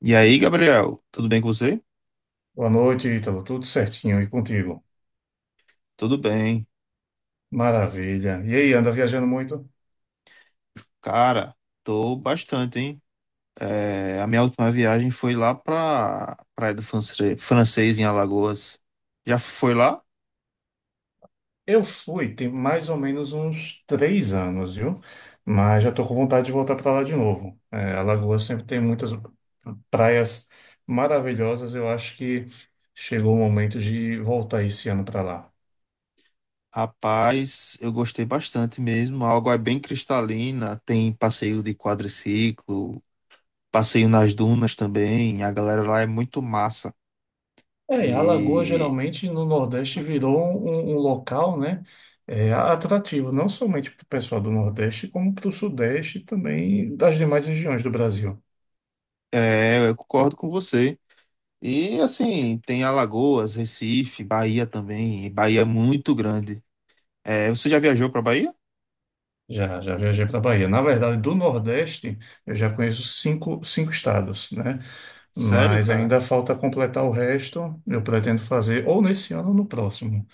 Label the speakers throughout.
Speaker 1: E aí, Gabriel, tudo bem com você?
Speaker 2: Boa noite, Ítalo. Tudo certinho e contigo?
Speaker 1: Tudo bem.
Speaker 2: Maravilha. E aí, anda viajando muito?
Speaker 1: Cara, tô bastante, hein? É, a minha última viagem foi lá pra Praia do Francês, em Alagoas. Já foi lá?
Speaker 2: Eu fui, tem mais ou menos uns três anos, viu? Mas já tô com vontade de voltar para lá de novo. É, Alagoas sempre tem muitas praias maravilhosas. Eu acho que chegou o momento de voltar esse ano para lá.
Speaker 1: Rapaz, eu gostei bastante mesmo. A água é bem cristalina, tem passeio de quadriciclo, passeio nas dunas também. A galera lá é muito massa.
Speaker 2: É, Alagoas
Speaker 1: E
Speaker 2: geralmente no Nordeste virou um local, né, é, atrativo, não somente para o pessoal do Nordeste, como para o Sudeste e também das demais regiões do Brasil.
Speaker 1: é, eu concordo com você. E assim, tem Alagoas, Recife, Bahia também. E Bahia é muito grande. É, você já viajou pra Bahia?
Speaker 2: Já viajei para a Bahia. Na verdade, do Nordeste, eu já conheço cinco estados, né?
Speaker 1: Sério,
Speaker 2: Mas
Speaker 1: cara?
Speaker 2: ainda falta completar o resto. Eu pretendo fazer ou nesse ano ou no próximo.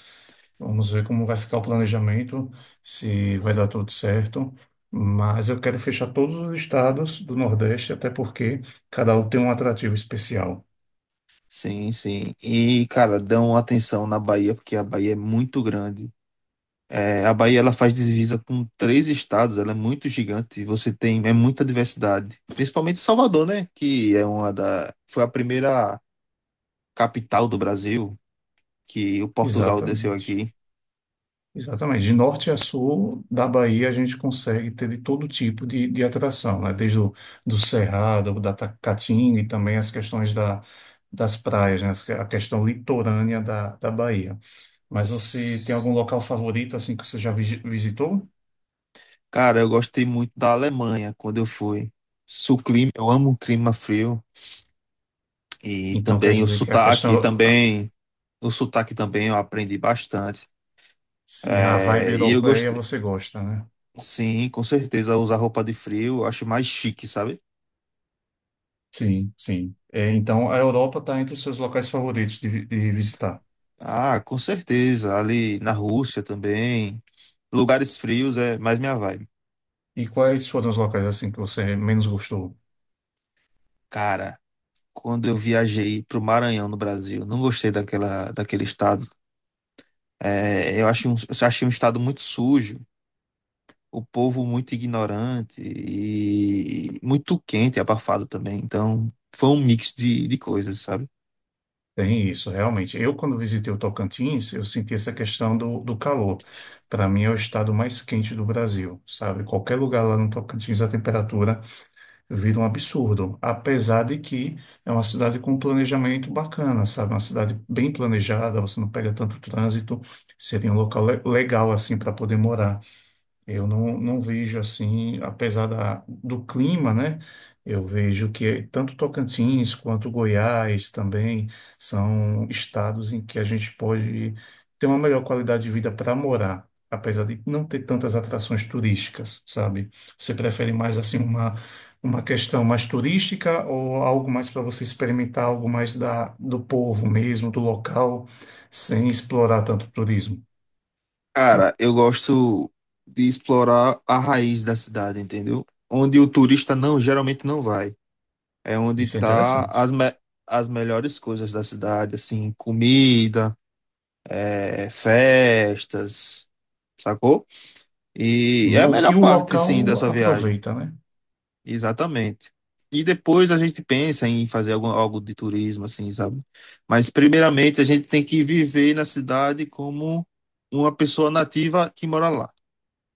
Speaker 2: Vamos ver como vai ficar o planejamento, se vai dar tudo certo. Mas eu quero fechar todos os estados do Nordeste, até porque cada um tem um atrativo especial.
Speaker 1: Sim, sim. E, cara, dão atenção na Bahia, porque a Bahia é muito grande. É, a Bahia ela faz divisa com 3 estados, ela é muito gigante e você tem é muita diversidade. Principalmente Salvador, né? Que é uma da foi a primeira capital do Brasil que o Portugal desceu
Speaker 2: Exatamente.
Speaker 1: aqui.
Speaker 2: Exatamente. De norte a sul da Bahia, a gente consegue ter de todo tipo de atração, né? Desde o do Cerrado, Caatinga e também as questões das praias, né? A questão litorânea da Bahia. Mas você tem algum local favorito, assim, que você já visitou?
Speaker 1: Cara, eu gostei muito da Alemanha quando eu fui. Se o clima, eu amo o clima frio e
Speaker 2: Então, quer
Speaker 1: também o
Speaker 2: dizer que a
Speaker 1: sotaque
Speaker 2: questão,
Speaker 1: também, eu aprendi bastante.
Speaker 2: sim, a vibe
Speaker 1: É, e eu
Speaker 2: europeia
Speaker 1: gostei,
Speaker 2: você gosta, né?
Speaker 1: sim, com certeza usar roupa de frio, eu acho mais chique, sabe?
Speaker 2: Sim, sim. É, então, a Europa está entre os seus locais favoritos de visitar.
Speaker 1: Ah, com certeza, ali na Rússia também, lugares frios é mais minha vibe.
Speaker 2: E quais foram os locais, assim, que você menos gostou?
Speaker 1: Cara, quando eu viajei pro Maranhão no Brasil, não gostei daquela daquele estado. É, eu achei um estado muito sujo. O povo muito ignorante e muito quente e abafado também. Então, foi um mix de coisas, sabe?
Speaker 2: Tem isso, realmente. Eu, quando visitei o Tocantins, eu senti essa questão do calor. Para mim, é o estado mais quente do Brasil, sabe? Qualquer lugar lá no Tocantins, a temperatura vira um absurdo. Apesar de que é uma cidade com um planejamento bacana, sabe? Uma cidade bem planejada, você não pega tanto trânsito, seria um local legal, assim, para poder morar. Eu não, não vejo assim, apesar do clima, né? Eu vejo que tanto Tocantins quanto Goiás também são estados em que a gente pode ter uma melhor qualidade de vida para morar, apesar de não ter tantas atrações turísticas, sabe? Você prefere mais assim uma questão mais turística ou algo mais para você experimentar, algo mais do povo mesmo, do local, sem explorar tanto o turismo?
Speaker 1: Cara, eu gosto de explorar a raiz da cidade, entendeu? Onde o turista não, geralmente não vai. É onde
Speaker 2: Isso é
Speaker 1: tá as,
Speaker 2: interessante.
Speaker 1: me as melhores coisas da cidade, assim, comida, é, festas, sacou? E
Speaker 2: Sim,
Speaker 1: é a
Speaker 2: o
Speaker 1: melhor
Speaker 2: que o
Speaker 1: parte, sim,
Speaker 2: local
Speaker 1: dessa viagem.
Speaker 2: aproveita, né?
Speaker 1: Exatamente. E depois a gente pensa em fazer algo de turismo, assim, sabe? Mas primeiramente a gente tem que viver na cidade como uma pessoa nativa que mora lá.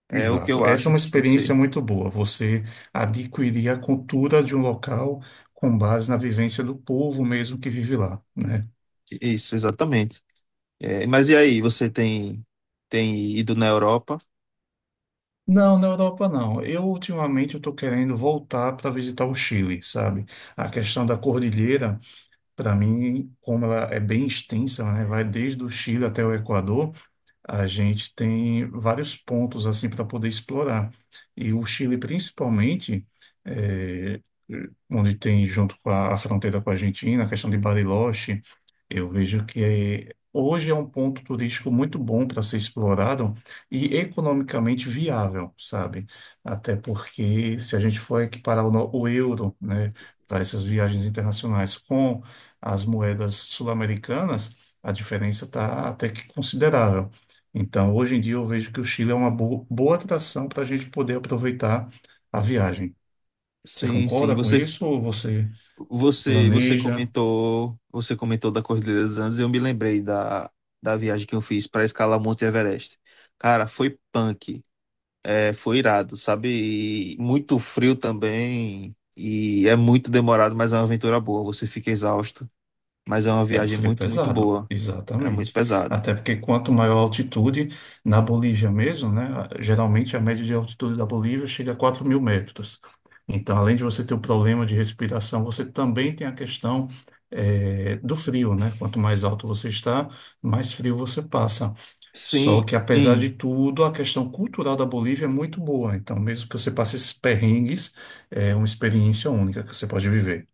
Speaker 1: É o que
Speaker 2: Exato.
Speaker 1: eu
Speaker 2: Essa é
Speaker 1: acho
Speaker 2: uma
Speaker 1: que tem que
Speaker 2: experiência
Speaker 1: ser.
Speaker 2: muito boa. Você adquirir a cultura de um local com base na vivência do povo mesmo que vive lá, né?
Speaker 1: Isso, exatamente. É, mas e aí, tem ido na Europa?
Speaker 2: Não, na Europa não. Eu ultimamente eu estou querendo voltar para visitar o Chile, sabe? A questão da cordilheira, para mim, como ela é bem extensa, né? Vai desde o Chile até o Equador. A gente tem vários pontos assim para poder explorar. E o Chile, principalmente, é, onde tem junto com a fronteira com a Argentina, a questão de Bariloche, eu vejo que hoje é um ponto turístico muito bom para ser explorado e economicamente viável, sabe? Até porque se a gente for equiparar o, no- o euro, né, para essas viagens internacionais com as moedas sul-americanas, a diferença está até que considerável. Então, hoje em dia, eu vejo que o Chile é uma boa atração para a gente poder aproveitar a viagem. Você
Speaker 1: Sim, sim.
Speaker 2: concorda com
Speaker 1: Você,
Speaker 2: isso ou você
Speaker 1: você, você
Speaker 2: planeja?
Speaker 1: comentou, você comentou da Cordilheira dos Andes e eu me lembrei da viagem que eu fiz para escalar Monte Everest. Cara, foi punk. É, foi irado, sabe? E muito frio também. E é muito demorado, mas é uma aventura boa. Você fica exausto, mas é uma
Speaker 2: É um
Speaker 1: viagem
Speaker 2: frio
Speaker 1: muito, muito
Speaker 2: pesado,
Speaker 1: boa. É muito
Speaker 2: exatamente.
Speaker 1: pesada.
Speaker 2: Até porque quanto maior a altitude, na Bolívia mesmo, né? Geralmente a média de altitude da Bolívia chega a 4.000 metros. Então, além de você ter o problema de respiração, você também tem a questão do frio, né? Quanto mais alto você está, mais frio você passa. Só
Speaker 1: Sim,
Speaker 2: que, apesar
Speaker 1: e-
Speaker 2: de tudo, a questão cultural da Bolívia é muito boa. Então, mesmo que você passe esses perrengues, é uma experiência única que você pode viver.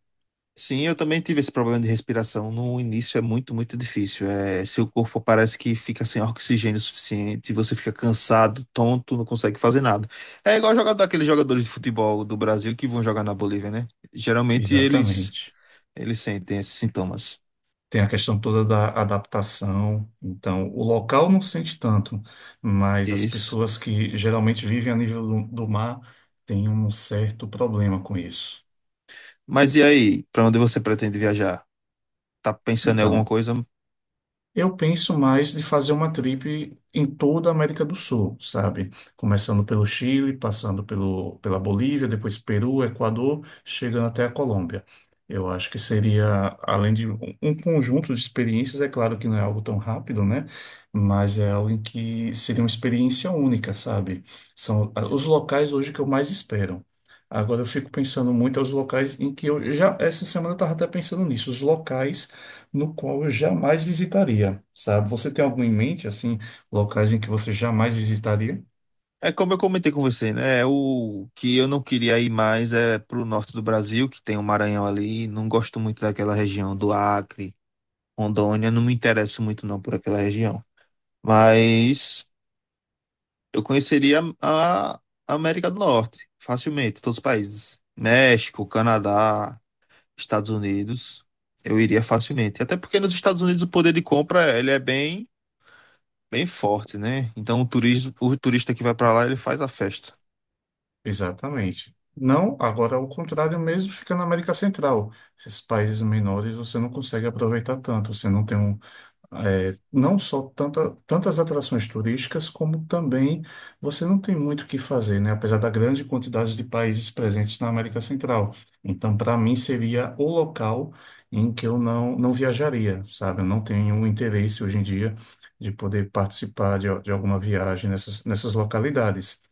Speaker 1: sim, eu também tive esse problema de respiração. No início é muito, muito difícil. É, seu corpo parece que fica sem oxigênio suficiente, você fica cansado, tonto, não consegue fazer nada. É igual jogar daqueles jogadores de futebol do Brasil que vão jogar na Bolívia, né? Geralmente
Speaker 2: Exatamente.
Speaker 1: eles sentem esses sintomas.
Speaker 2: Tem a questão toda da adaptação. Então, o local não sente tanto, mas as
Speaker 1: Isso.
Speaker 2: pessoas que geralmente vivem a nível do mar têm um certo problema com isso.
Speaker 1: Mas e aí, pra onde você pretende viajar? Tá pensando em alguma
Speaker 2: Então,
Speaker 1: coisa?
Speaker 2: eu penso mais de fazer uma trip em toda a América do Sul, sabe? Começando pelo Chile, passando pela Bolívia, depois Peru, Equador, chegando até a Colômbia. Eu acho que seria, além de um conjunto de experiências, é claro que não é algo tão rápido, né? Mas é algo em que seria uma experiência única, sabe? São ah, os locais hoje que eu mais espero. Agora eu fico pensando muito aos locais em que essa semana eu estava até pensando nisso, os locais no qual eu jamais visitaria, sabe? Você tem algum em mente, assim, locais em que você jamais visitaria?
Speaker 1: É como eu comentei com você, né? É o que eu não queria ir mais é pro norte do Brasil, que tem o Maranhão ali. Não gosto muito daquela região do Acre, Rondônia. Não me interesso muito não por aquela região. Mas eu conheceria a América do Norte facilmente, todos os países. México, Canadá, Estados Unidos. Eu iria facilmente. Até porque nos Estados Unidos o poder de compra, ele é bem forte, né? Então o turismo, o turista que vai pra lá, ele faz a festa.
Speaker 2: Exatamente. Não, agora ao contrário mesmo, fica na América Central. Esses países menores você não consegue aproveitar tanto, você não tem um, é, não só tantas atrações turísticas, como também você não tem muito o que fazer, né? Apesar da grande quantidade de países presentes na América Central. Então, para mim, seria o local em que eu não, não viajaria, sabe? Eu não tenho interesse hoje em dia de poder participar de alguma viagem nessas localidades.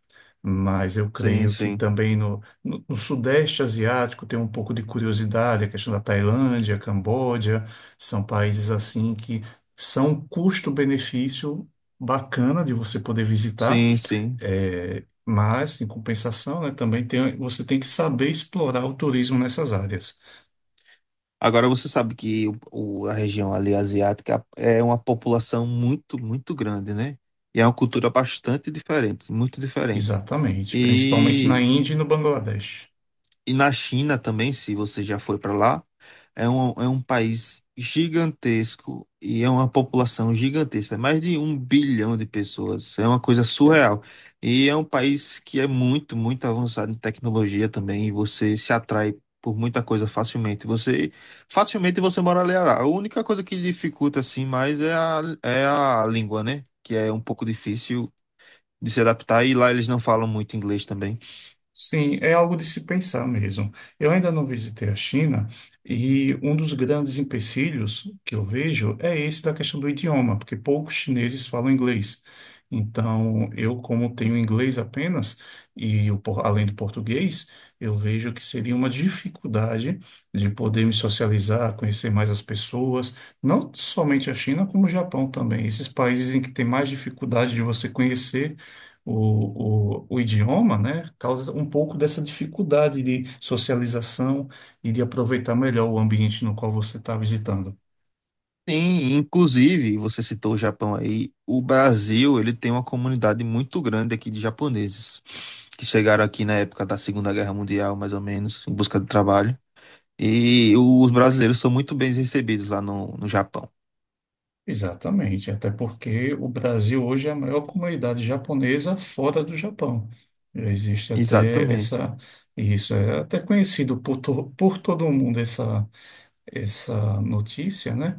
Speaker 2: Mas eu
Speaker 1: Sim,
Speaker 2: creio que
Speaker 1: sim.
Speaker 2: também no Sudeste Asiático tem um pouco de curiosidade, a questão da Tailândia, Camboja, são países assim que são um custo-benefício bacana de você poder visitar,
Speaker 1: Sim, sim.
Speaker 2: é, mas, em compensação, né, também tem, você tem que saber explorar o turismo nessas áreas.
Speaker 1: Agora você sabe que a região ali asiática é uma população muito, muito grande, né? E é uma cultura bastante diferente, muito diferente.
Speaker 2: Exatamente, principalmente na
Speaker 1: E
Speaker 2: Índia e no Bangladesh.
Speaker 1: E na China também, se você já foi para lá, é um país gigantesco e é uma população gigantesca, é mais de 1 bilhão de pessoas, é uma coisa surreal. E é um país que é muito, muito avançado em tecnologia também, e você se atrai por muita coisa facilmente. Você facilmente você mora ali. A única coisa que dificulta assim mais é é a língua, né? Que é um pouco difícil de se adaptar e lá eles não falam muito inglês também.
Speaker 2: Sim, é algo de se pensar mesmo. Eu ainda não visitei a China e um dos grandes empecilhos que eu vejo é esse da questão do idioma, porque poucos chineses falam inglês. Então, eu, como tenho inglês apenas, e o além do português, eu vejo que seria uma dificuldade de poder me socializar, conhecer mais as pessoas, não somente a China, como o Japão também, esses países em que tem mais dificuldade de você conhecer o idioma, né, causa um pouco dessa dificuldade de socialização e de aproveitar melhor o ambiente no qual você está visitando.
Speaker 1: Sim, inclusive, você citou o Japão aí, o Brasil, ele tem uma comunidade muito grande aqui de japoneses que chegaram aqui na época da Segunda Guerra Mundial, mais ou menos, em busca de trabalho. E os brasileiros são muito bem recebidos lá no Japão.
Speaker 2: Exatamente, até porque o Brasil hoje é a maior comunidade japonesa fora do Japão. Já existe até
Speaker 1: Exatamente.
Speaker 2: essa, isso é até conhecido por todo mundo essa notícia, né?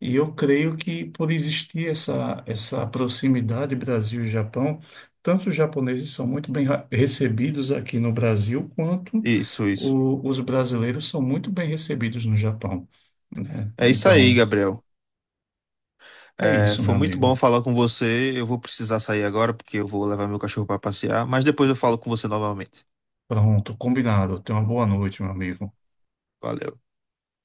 Speaker 2: E eu creio que por existir essa proximidade Brasil e Japão, tanto os japoneses são muito bem recebidos aqui no Brasil, quanto
Speaker 1: Isso, isso.
Speaker 2: os brasileiros são muito bem recebidos no Japão, né?
Speaker 1: É isso aí,
Speaker 2: Então,
Speaker 1: Gabriel.
Speaker 2: é
Speaker 1: É,
Speaker 2: isso,
Speaker 1: foi
Speaker 2: meu
Speaker 1: muito bom
Speaker 2: amigo.
Speaker 1: falar com você. Eu vou precisar sair agora porque eu vou levar meu cachorro para passear, mas depois eu falo com você novamente.
Speaker 2: Pronto, combinado. Tenha uma boa noite, meu amigo.
Speaker 1: Valeu.